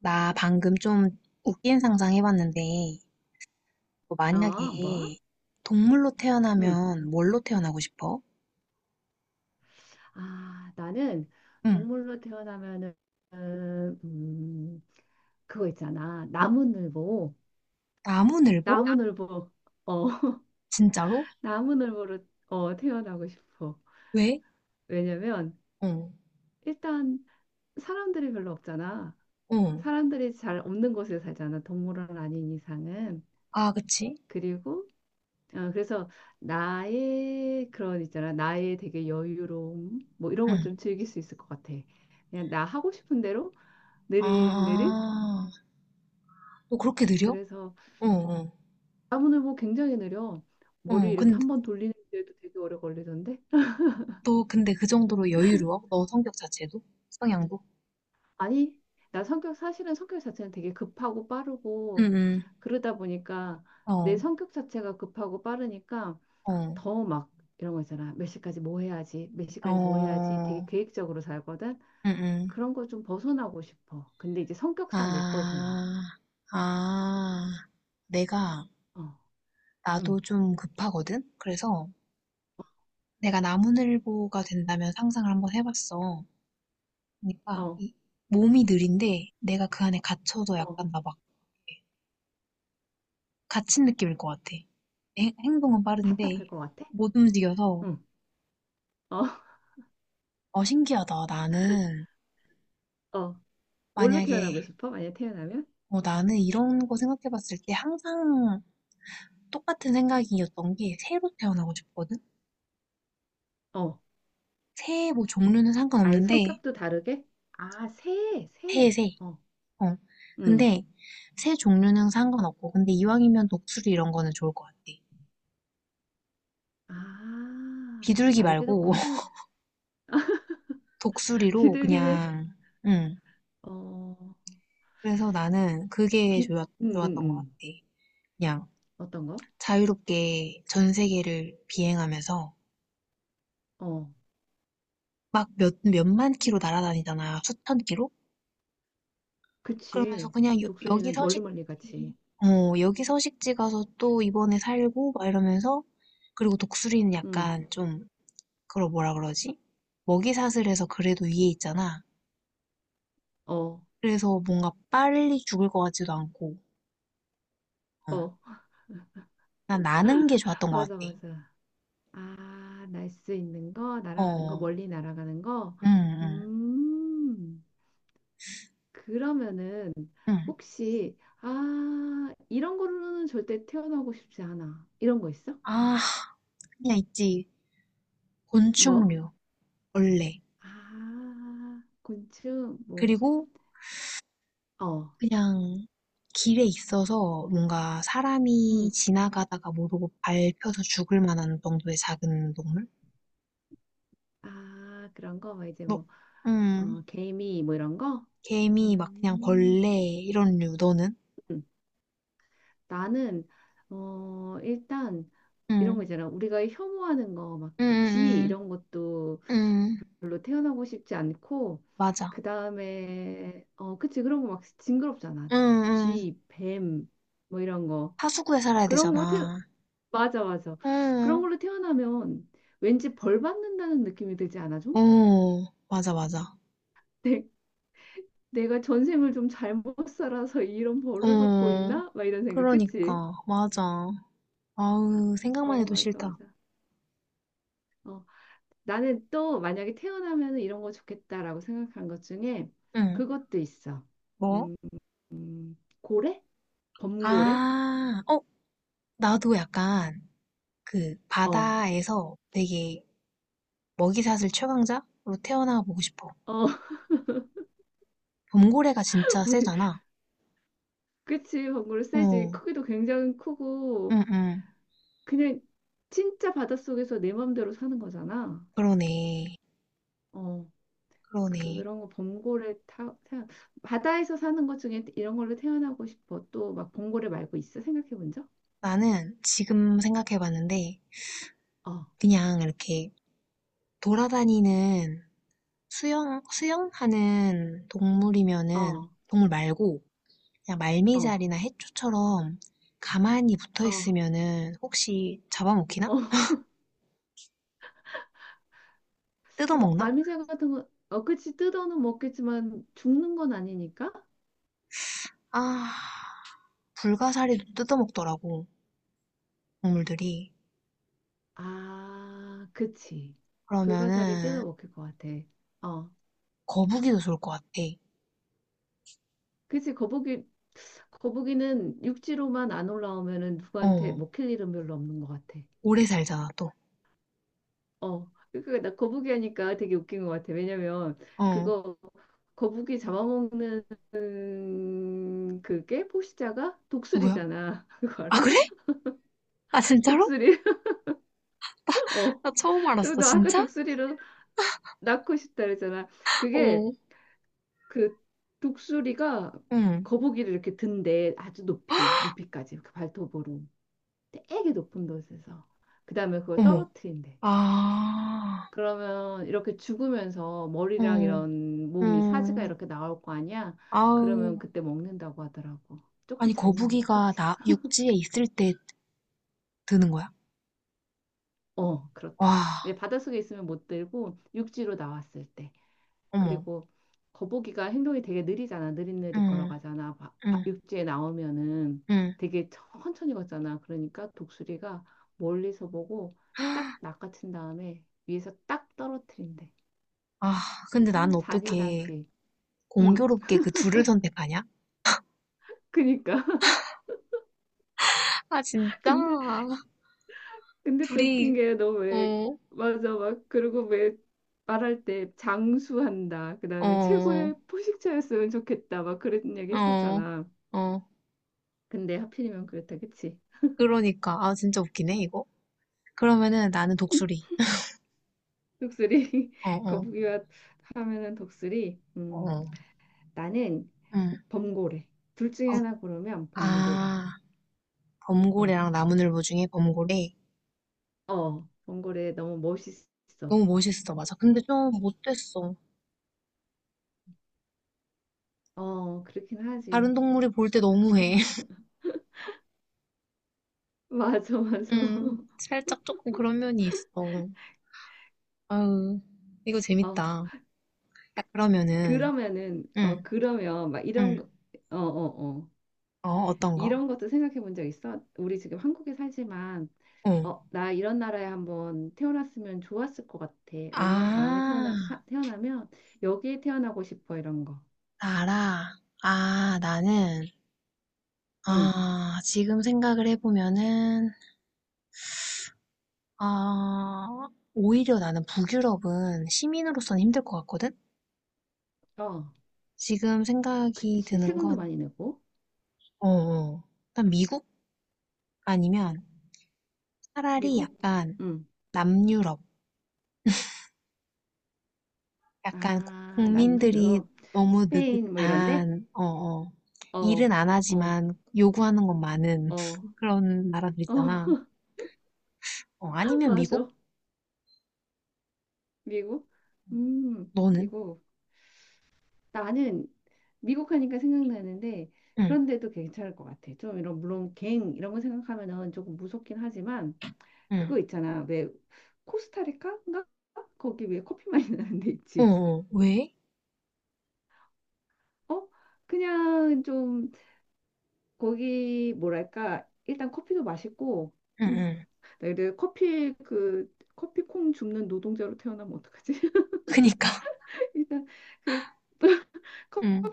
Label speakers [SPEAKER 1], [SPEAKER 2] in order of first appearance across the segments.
[SPEAKER 1] 나 방금 좀 웃긴 상상 해봤는데, 너
[SPEAKER 2] 아, 뭐?
[SPEAKER 1] 만약에 동물로
[SPEAKER 2] 응.
[SPEAKER 1] 태어나면 뭘로 태어나고 싶어?
[SPEAKER 2] 아, 나는
[SPEAKER 1] 응.
[SPEAKER 2] 동물로 태어나면은 음, 그거 있잖아. 나무늘보.
[SPEAKER 1] 나무늘보?
[SPEAKER 2] 나무늘보. 어,
[SPEAKER 1] 진짜로?
[SPEAKER 2] 나무늘보로 태어나고 싶어.
[SPEAKER 1] 왜?
[SPEAKER 2] 왜냐면
[SPEAKER 1] 어,
[SPEAKER 2] 일단 사람들이 별로 없잖아.
[SPEAKER 1] 어.
[SPEAKER 2] 사람들이 잘 없는 곳에 살잖아. 동물은 아닌 이상은.
[SPEAKER 1] 아, 그치?
[SPEAKER 2] 그리고 그래서 나의 그런 있잖아. 나의 되게 여유로움 뭐 이런
[SPEAKER 1] 응.
[SPEAKER 2] 걸 좀 즐길 수 있을 것 같아. 그냥 나 하고 싶은 대로 느릿 느릿.
[SPEAKER 1] 아, 너 그렇게 느려?
[SPEAKER 2] 그래서
[SPEAKER 1] 어, 어,
[SPEAKER 2] 나무늘 보 굉장히 느려. 머리
[SPEAKER 1] 어.
[SPEAKER 2] 이렇게
[SPEAKER 1] 근데,
[SPEAKER 2] 한번 돌리는데도 되게 오래 걸리던데.
[SPEAKER 1] 너 근데 그 정도로 여유로워? 너 성격 자체도? 성향도?
[SPEAKER 2] 아니, 나 성격 사실은 성격 자체는 되게 급하고
[SPEAKER 1] 응,
[SPEAKER 2] 빠르고,
[SPEAKER 1] 응.
[SPEAKER 2] 그러다 보니까 내
[SPEAKER 1] 어,
[SPEAKER 2] 성격 자체가 급하고 빠르니까
[SPEAKER 1] 어,
[SPEAKER 2] 더 막 이런 거 있잖아. 몇 시까지 뭐 해야지 몇 시까지 뭐 해야지 되게
[SPEAKER 1] 어.
[SPEAKER 2] 계획적으로 살거든.
[SPEAKER 1] 응, 응.
[SPEAKER 2] 그런 거 좀 벗어나고 싶어. 근데 이제 성격상 못 벗어나.
[SPEAKER 1] 아, 아. 내가
[SPEAKER 2] 어 음
[SPEAKER 1] 나도 좀 급하거든? 그래서 내가 나무늘보가 된다면 상상을 한번 해봤어. 그러니까 이
[SPEAKER 2] 어
[SPEAKER 1] 몸이 느린데 내가 그 안에 갇혀도
[SPEAKER 2] 어
[SPEAKER 1] 약간 나 막 갇힌 느낌일 것 같아. 행동은
[SPEAKER 2] 답답할
[SPEAKER 1] 빠른데
[SPEAKER 2] 것 같아.
[SPEAKER 1] 못 움직여서
[SPEAKER 2] 응. 어,
[SPEAKER 1] 어 신기하다. 나는
[SPEAKER 2] 어 뭘로
[SPEAKER 1] 만약에
[SPEAKER 2] 태어나고 싶어 만약 태어나면?
[SPEAKER 1] 어 나는 이런 거 생각해봤을 때 항상 똑같은 생각이었던 게 새로 태어나고 싶거든?
[SPEAKER 2] 어,
[SPEAKER 1] 새 뭐 종류는
[SPEAKER 2] 아예
[SPEAKER 1] 상관없는데
[SPEAKER 2] 성격도 다르게? 아, 새, 새.
[SPEAKER 1] 새새
[SPEAKER 2] 어,
[SPEAKER 1] 어.
[SPEAKER 2] 응.
[SPEAKER 1] 근데 새 종류는 상관없고 근데 이왕이면 독수리 이런 거는 좋을 것 같아.
[SPEAKER 2] 아,
[SPEAKER 1] 비둘기
[SPEAKER 2] 날개도
[SPEAKER 1] 말고
[SPEAKER 2] 크고
[SPEAKER 1] 독수리로
[SPEAKER 2] 비둘기는
[SPEAKER 1] 그냥 응.
[SPEAKER 2] 어,
[SPEAKER 1] 그래서 나는 그게
[SPEAKER 2] 빛.
[SPEAKER 1] 좋았,
[SPEAKER 2] 응, 응,
[SPEAKER 1] 좋았던 것 같아.
[SPEAKER 2] 응.
[SPEAKER 1] 그냥
[SPEAKER 2] 어떤 거?
[SPEAKER 1] 자유롭게 전 세계를 비행하면서
[SPEAKER 2] 어,
[SPEAKER 1] 막 몇만 키로 날아다니잖아. 수천 키로? 그러면서
[SPEAKER 2] 그치.
[SPEAKER 1] 그냥 여기
[SPEAKER 2] 독수리는 멀리
[SPEAKER 1] 서식지,
[SPEAKER 2] 멀리 같이.
[SPEAKER 1] 어, 여기 서식지 가서 또 이번에 살고 막 이러면서 그리고 독수리는
[SPEAKER 2] 응. 응.
[SPEAKER 1] 약간 좀 그걸 뭐라 그러지? 먹이사슬 해서 그래도 위에 있잖아.
[SPEAKER 2] 어,
[SPEAKER 1] 그래서 뭔가 빨리 죽을 것 같지도 않고, 어.
[SPEAKER 2] 어,
[SPEAKER 1] 난 나는 게 좋았던 것 같아.
[SPEAKER 2] 맞아, 맞아. 아, 날 수 있는 거, 날아가는 거,
[SPEAKER 1] 어,
[SPEAKER 2] 멀리 날아가는 거.
[SPEAKER 1] 응, 응,
[SPEAKER 2] 음, 그러면은
[SPEAKER 1] 응.
[SPEAKER 2] 혹시 이런 거로는 절대 태어나고 싶지 않아. 이런 거 있어?
[SPEAKER 1] 아, 그냥 있지.
[SPEAKER 2] 뭐?
[SPEAKER 1] 곤충류, 벌레.
[SPEAKER 2] 아, 곤충, 뭐,
[SPEAKER 1] 그리고
[SPEAKER 2] 어,
[SPEAKER 1] 그냥 길에 있어서 뭔가 사람이
[SPEAKER 2] 응.
[SPEAKER 1] 지나가다가 모르고 밟혀서 죽을 만한 정도의 작은 동물?
[SPEAKER 2] 아, 그런 거, 뭐 이제
[SPEAKER 1] 너,
[SPEAKER 2] 뭐,
[SPEAKER 1] 음,
[SPEAKER 2] 어, 개미, 뭐 이런 거?
[SPEAKER 1] 개미, 막 그냥
[SPEAKER 2] 음,
[SPEAKER 1] 벌레, 이런 류, 너는?
[SPEAKER 2] 음. 나는, 일단, 이런
[SPEAKER 1] 응,
[SPEAKER 2] 거 있잖아. 우리가 혐오하는 거, 막,
[SPEAKER 1] 응,
[SPEAKER 2] 쥐,
[SPEAKER 1] 응,
[SPEAKER 2] 이런 것도
[SPEAKER 1] 응. 응.
[SPEAKER 2] 별로 태어나고 싶지 않고,
[SPEAKER 1] 맞아.
[SPEAKER 2] 그 다음에, 그치, 그런 거 막 징그럽잖아.
[SPEAKER 1] 응, 응,
[SPEAKER 2] 쥐, 뱀, 뭐 이런 거.
[SPEAKER 1] 하수구에 살아야
[SPEAKER 2] 그런 거,
[SPEAKER 1] 되잖아.
[SPEAKER 2] 맞아, 맞아. 그런
[SPEAKER 1] 응.
[SPEAKER 2] 걸로 태어나면 왠지 벌 받는다는 느낌이 들지 않아, 좀?
[SPEAKER 1] 어, 맞아, 맞아.
[SPEAKER 2] 내, 내가 전생을 좀 잘못 살아서 이런 벌을 받고
[SPEAKER 1] 응,
[SPEAKER 2] 있나? 막 이런 생각, 그치?
[SPEAKER 1] 그러니까, 맞아. 아우, 생각만
[SPEAKER 2] 어,
[SPEAKER 1] 해도
[SPEAKER 2] 맞아,
[SPEAKER 1] 싫다.
[SPEAKER 2] 맞아. 어, 나는 또 만약에 태어나면 이런 거 좋겠다라고 생각한 것 중에
[SPEAKER 1] 응.
[SPEAKER 2] 그것도 있어.
[SPEAKER 1] 뭐?
[SPEAKER 2] 음, 고래? 범고래?
[SPEAKER 1] 아, 어, 나도 약간 그
[SPEAKER 2] 어,
[SPEAKER 1] 바다에서 되게 먹이사슬 최강자로 태어나 보고 싶어.
[SPEAKER 2] 어,
[SPEAKER 1] 범고래가 진짜
[SPEAKER 2] 거기,
[SPEAKER 1] 세잖아.
[SPEAKER 2] 그치, 범고래 세지.
[SPEAKER 1] 어,
[SPEAKER 2] 크기도 굉장히 크고,
[SPEAKER 1] 응, 응.
[SPEAKER 2] 그냥 진짜 바닷속에서 내 맘대로 사는 거잖아.
[SPEAKER 1] 그러네.
[SPEAKER 2] 어.
[SPEAKER 1] 그러네.
[SPEAKER 2] 그런 거 범고래 타, 타 바다에서 사는 것 중에 이런 걸로 태어나고 싶어. 또 막 범고래 말고 있어? 생각해 본 적?
[SPEAKER 1] 나는 지금 생각해 봤는데,
[SPEAKER 2] 어,
[SPEAKER 1] 그냥 이렇게 돌아다니는 수영하는 동물이면은
[SPEAKER 2] 어,
[SPEAKER 1] 동물 말고 그냥
[SPEAKER 2] 어,
[SPEAKER 1] 말미잘이나 해초처럼 가만히 붙어
[SPEAKER 2] 어,
[SPEAKER 1] 있으면은 혹시 잡아먹히나?
[SPEAKER 2] 어, 어,
[SPEAKER 1] 뜯어먹나?
[SPEAKER 2] 말미잘 같은 거, 어, 그치, 뜯어는 먹겠지만 죽는 건 아니니까?
[SPEAKER 1] 아, 불가사리도 뜯어먹더라고 동물들이.
[SPEAKER 2] 아, 그치. 불가사리 뜯어
[SPEAKER 1] 그러면은
[SPEAKER 2] 먹힐 것 같아. 어,
[SPEAKER 1] 거북이도 좋을 것 같아.
[SPEAKER 2] 그치, 거북이는 육지로만 안 올라오면은 누구한테
[SPEAKER 1] 어,
[SPEAKER 2] 먹힐 일은 별로 없는 것 같아.
[SPEAKER 1] 오래 살잖아 또.
[SPEAKER 2] 어, 그러니까 나 거북이 하니까 되게 웃긴 것 같아. 왜냐면
[SPEAKER 1] 어,
[SPEAKER 2] 그거 거북이 잡아먹는 그게 포식자가
[SPEAKER 1] 누구야?
[SPEAKER 2] 독수리잖아. 그거
[SPEAKER 1] 아
[SPEAKER 2] 알아?
[SPEAKER 1] 그래? 아 진짜로?
[SPEAKER 2] 독수리. 어.
[SPEAKER 1] 나 처음
[SPEAKER 2] 또
[SPEAKER 1] 알았어.
[SPEAKER 2] 너 아까
[SPEAKER 1] 진짜?
[SPEAKER 2] 독수리로 낳고 싶다 그랬잖아. 그게
[SPEAKER 1] 어,
[SPEAKER 2] 그 독수리가
[SPEAKER 1] 응.
[SPEAKER 2] 거북이를 이렇게 든대. 아주 높이, 높이까지. 그 발톱으로. 되게 높은 곳에서. 그다음에 그걸
[SPEAKER 1] 어머.
[SPEAKER 2] 떨어뜨린대.
[SPEAKER 1] 아,
[SPEAKER 2] 그러면 이렇게 죽으면서 머리랑
[SPEAKER 1] 어.
[SPEAKER 2] 이런 몸이 사지가
[SPEAKER 1] 음,
[SPEAKER 2] 이렇게 나올 거 아니야?
[SPEAKER 1] 아우,
[SPEAKER 2] 그러면 그때 먹는다고 하더라고.
[SPEAKER 1] 아니,
[SPEAKER 2] 조금 잔인하다,
[SPEAKER 1] 거북이가
[SPEAKER 2] 그치?
[SPEAKER 1] 육지에 있을 때 드는 거야?
[SPEAKER 2] 어, 그렇대.
[SPEAKER 1] 와,
[SPEAKER 2] 이제 바닷속에 있으면 못 들고 육지로 나왔을 때.
[SPEAKER 1] 어머,
[SPEAKER 2] 그리고 거북이가 행동이 되게 느리잖아. 느릿느릿
[SPEAKER 1] 음,
[SPEAKER 2] 걸어가잖아.
[SPEAKER 1] 음,
[SPEAKER 2] 육지에 나오면은
[SPEAKER 1] 음.
[SPEAKER 2] 되게 천천히 걷잖아. 그러니까 독수리가 멀리서 보고 딱 낚아챈 다음에 위에서 딱 떨어뜨린대.
[SPEAKER 1] 아, 근데 난
[SPEAKER 2] 어,
[SPEAKER 1] 어떻게
[SPEAKER 2] 잔인하지. 응,
[SPEAKER 1] 공교롭게 그 둘을 선택하냐?
[SPEAKER 2] 그니까.
[SPEAKER 1] 아, 진짜?
[SPEAKER 2] 근데 근데 또 웃긴
[SPEAKER 1] 둘이,
[SPEAKER 2] 게 너 왜
[SPEAKER 1] 어,
[SPEAKER 2] 맞아 막 그리고 왜 말할 때 장수한다 그다음에
[SPEAKER 1] 어,
[SPEAKER 2] 최고의 포식자였으면 좋겠다 막 그런 얘기
[SPEAKER 1] 어,
[SPEAKER 2] 했었잖아.
[SPEAKER 1] 어.
[SPEAKER 2] 근데 하필이면 그렇다 그치?
[SPEAKER 1] 그러니까, 아, 진짜 웃기네, 이거. 그러면은 나는 독수리.
[SPEAKER 2] 독수리
[SPEAKER 1] 어, 어,
[SPEAKER 2] 거북이와 하면은 독수리.
[SPEAKER 1] 어,
[SPEAKER 2] 나는
[SPEAKER 1] 응
[SPEAKER 2] 범고래. 둘 중에
[SPEAKER 1] 어,
[SPEAKER 2] 하나 고르면 범고래.
[SPEAKER 1] 아,
[SPEAKER 2] 어.
[SPEAKER 1] 범고래랑 나무늘보 중에 범고래.
[SPEAKER 2] 어, 범고래 너무 멋있어.
[SPEAKER 1] 너무 멋있어, 맞아. 근데 좀 못됐어.
[SPEAKER 2] 어, 그렇긴 하지.
[SPEAKER 1] 다른 동물이 볼 때 너무해.
[SPEAKER 2] 맞아, 맞아.
[SPEAKER 1] 살짝 조금 그런 면이 있어. 아유, 이거
[SPEAKER 2] 어.
[SPEAKER 1] 재밌다. 야, 그러면은,
[SPEAKER 2] 그러면은
[SPEAKER 1] 응,
[SPEAKER 2] 그러면 막 이런
[SPEAKER 1] 응.
[SPEAKER 2] 거 어어어
[SPEAKER 1] 어, 어떤 거?
[SPEAKER 2] 이런 것도 생각해 본 적 있어? 우리 지금 한국에 살지만
[SPEAKER 1] 어.
[SPEAKER 2] 어, 나 이런 나라에 한번 태어났으면 좋았을 것 같아. 아니면 다음에
[SPEAKER 1] 아,
[SPEAKER 2] 태어나면 여기에 태어나고 싶어 이런 거.
[SPEAKER 1] 나라. 아, 나는,
[SPEAKER 2] 응.
[SPEAKER 1] 아, 지금 생각을 해보면은, 아, 오히려 나는 북유럽은 시민으로서는 힘들 것 같거든?
[SPEAKER 2] 어.
[SPEAKER 1] 지금 생각이
[SPEAKER 2] 그치.
[SPEAKER 1] 드는
[SPEAKER 2] 세금도
[SPEAKER 1] 건,
[SPEAKER 2] 많이 내고
[SPEAKER 1] 어, 어. 일단 미국 아니면 차라리
[SPEAKER 2] 미국?
[SPEAKER 1] 약간
[SPEAKER 2] 응.
[SPEAKER 1] 남유럽. 약간 고-
[SPEAKER 2] 아,
[SPEAKER 1] 국민들이
[SPEAKER 2] 남유럽,
[SPEAKER 1] 너무
[SPEAKER 2] 스페인 뭐 이런데?
[SPEAKER 1] 느긋한, 어, 어, 일은
[SPEAKER 2] 어.
[SPEAKER 1] 안
[SPEAKER 2] 어.
[SPEAKER 1] 하지만 요구하는 건 많은
[SPEAKER 2] 어.
[SPEAKER 1] 그런 나라들 있잖아.
[SPEAKER 2] 어.
[SPEAKER 1] 어, 아니면 미국?
[SPEAKER 2] 맞아. 미국? 음.
[SPEAKER 1] 너는?
[SPEAKER 2] 미국. 나는 미국 하니까 생각나는데
[SPEAKER 1] 응,
[SPEAKER 2] 그런데도 괜찮을 것 같아. 좀 이런 물론 갱 이런 거 생각하면은 조금 무섭긴 하지만
[SPEAKER 1] 응.
[SPEAKER 2] 그거 있잖아. 왜 코스타리카인가? 거기 왜 커피 많이 나는 데
[SPEAKER 1] 어,
[SPEAKER 2] 있지?
[SPEAKER 1] 어, 왜?
[SPEAKER 2] 어? 그냥 좀 거기 뭐랄까 일단 커피도 맛있고
[SPEAKER 1] 응,
[SPEAKER 2] 음.
[SPEAKER 1] 응.
[SPEAKER 2] 나 근데 커피 그 커피콩 줍는 노동자로 태어나면 어떡하지?
[SPEAKER 1] 그니까.
[SPEAKER 2] 일단 그
[SPEAKER 1] 응,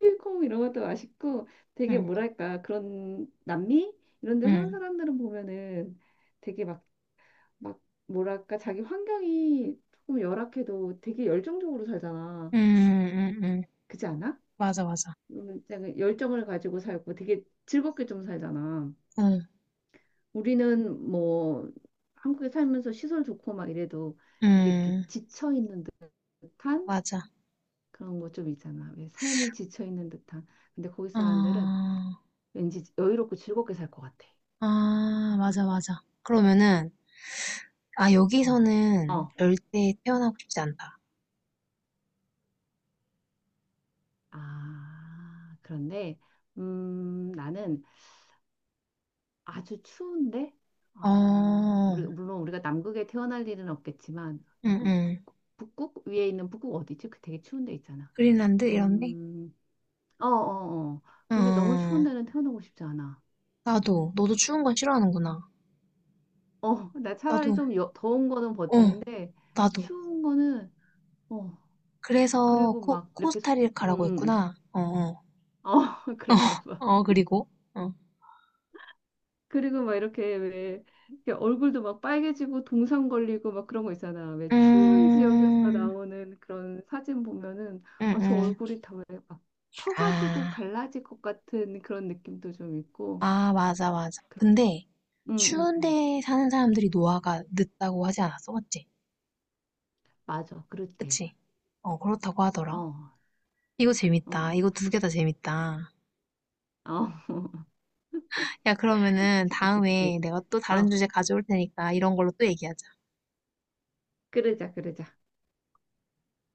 [SPEAKER 2] 홍콩 이런 것도 맛있고 되게
[SPEAKER 1] 응,
[SPEAKER 2] 뭐랄까 그런 남미 이런 데 사는
[SPEAKER 1] 응.
[SPEAKER 2] 사람들은 보면은 되게 막 뭐랄까 자기 환경이 조금 열악해도 되게 열정적으로 살잖아.
[SPEAKER 1] 응, 응, 응. 응.
[SPEAKER 2] 그렇지 않아?
[SPEAKER 1] 맞아, 맞아.
[SPEAKER 2] 되게 열정을 가지고 살고 되게 즐겁게 좀 살잖아.
[SPEAKER 1] 응,
[SPEAKER 2] 우리는 뭐 한국에 살면서 시설 좋고 막 이래도 되게 이렇게
[SPEAKER 1] 응.
[SPEAKER 2] 지쳐 있는 듯한
[SPEAKER 1] 맞아.
[SPEAKER 2] 그런 거 좀 있잖아. 왜 삶이 지쳐 있는 듯한. 근데 거기 사람들은
[SPEAKER 1] 아,
[SPEAKER 2] 왠지 여유롭고 즐겁게 살 것 같아.
[SPEAKER 1] 아, 맞아, 맞아. 그러면은, 아,
[SPEAKER 2] 어,
[SPEAKER 1] 여기서는
[SPEAKER 2] 어.
[SPEAKER 1] 열대에 태어나고 싶지 않다.
[SPEAKER 2] 아, 그런데, 나는 아주 추운데, 아,
[SPEAKER 1] 어,
[SPEAKER 2] 우리, 물론 우리가 남극에 태어날 일은 없겠지만, 약간
[SPEAKER 1] 응응.
[SPEAKER 2] 북극 위에 있는 북극 어디지? 그 되게 추운 데 있잖아.
[SPEAKER 1] 그린란드 이런 데?
[SPEAKER 2] 음, 어, 어, 어. 근데 너무 추운
[SPEAKER 1] 어,
[SPEAKER 2] 데는 태어나고 싶지 않아.
[SPEAKER 1] 나도. 너도 추운 건 싫어하는구나.
[SPEAKER 2] 어, 나 차라리
[SPEAKER 1] 나도.
[SPEAKER 2] 좀 더운 거는
[SPEAKER 1] 어,
[SPEAKER 2] 버티는데,
[SPEAKER 1] 나도.
[SPEAKER 2] 추운 거는, 어,
[SPEAKER 1] 그래서
[SPEAKER 2] 그리고
[SPEAKER 1] 코,
[SPEAKER 2] 막 이렇게, 수,
[SPEAKER 1] 코스타리카라고
[SPEAKER 2] 음.
[SPEAKER 1] 했구나. 어, 어.
[SPEAKER 2] 어,
[SPEAKER 1] 어,
[SPEAKER 2] 그런가 봐.
[SPEAKER 1] 어, 그리고? 어.
[SPEAKER 2] 그리고 막 이렇게 왜 이렇게 얼굴도 막 빨개지고 동상 걸리고 막 그런 거 있잖아. 왜 추운 지역에서
[SPEAKER 1] 음,
[SPEAKER 2] 나오는 그런 사진 보면은 아, 저
[SPEAKER 1] 응응.
[SPEAKER 2] 얼굴이 다 왜 막 터가지고
[SPEAKER 1] 아,
[SPEAKER 2] 갈라질 것 같은 그런 느낌도 좀 있고.
[SPEAKER 1] 아, 맞아, 맞아.
[SPEAKER 2] 그런.
[SPEAKER 1] 근데
[SPEAKER 2] 응응응.
[SPEAKER 1] 추운데 사는 사람들이 노화가 늦다고 하지 않았어? 맞지?
[SPEAKER 2] 맞아, 그렇대.
[SPEAKER 1] 그치? 어, 그렇다고 하더라.
[SPEAKER 2] 어,
[SPEAKER 1] 이거
[SPEAKER 2] 어.
[SPEAKER 1] 재밌다. 이거 두 개 다 재밌다.
[SPEAKER 2] 어.
[SPEAKER 1] 야, 그러면은
[SPEAKER 2] 그치 그치
[SPEAKER 1] 다음에
[SPEAKER 2] 그치.
[SPEAKER 1] 내가 또 다른
[SPEAKER 2] 어,
[SPEAKER 1] 주제 가져올 테니까 이런 걸로 또 얘기하자.
[SPEAKER 2] 그러자 그러자.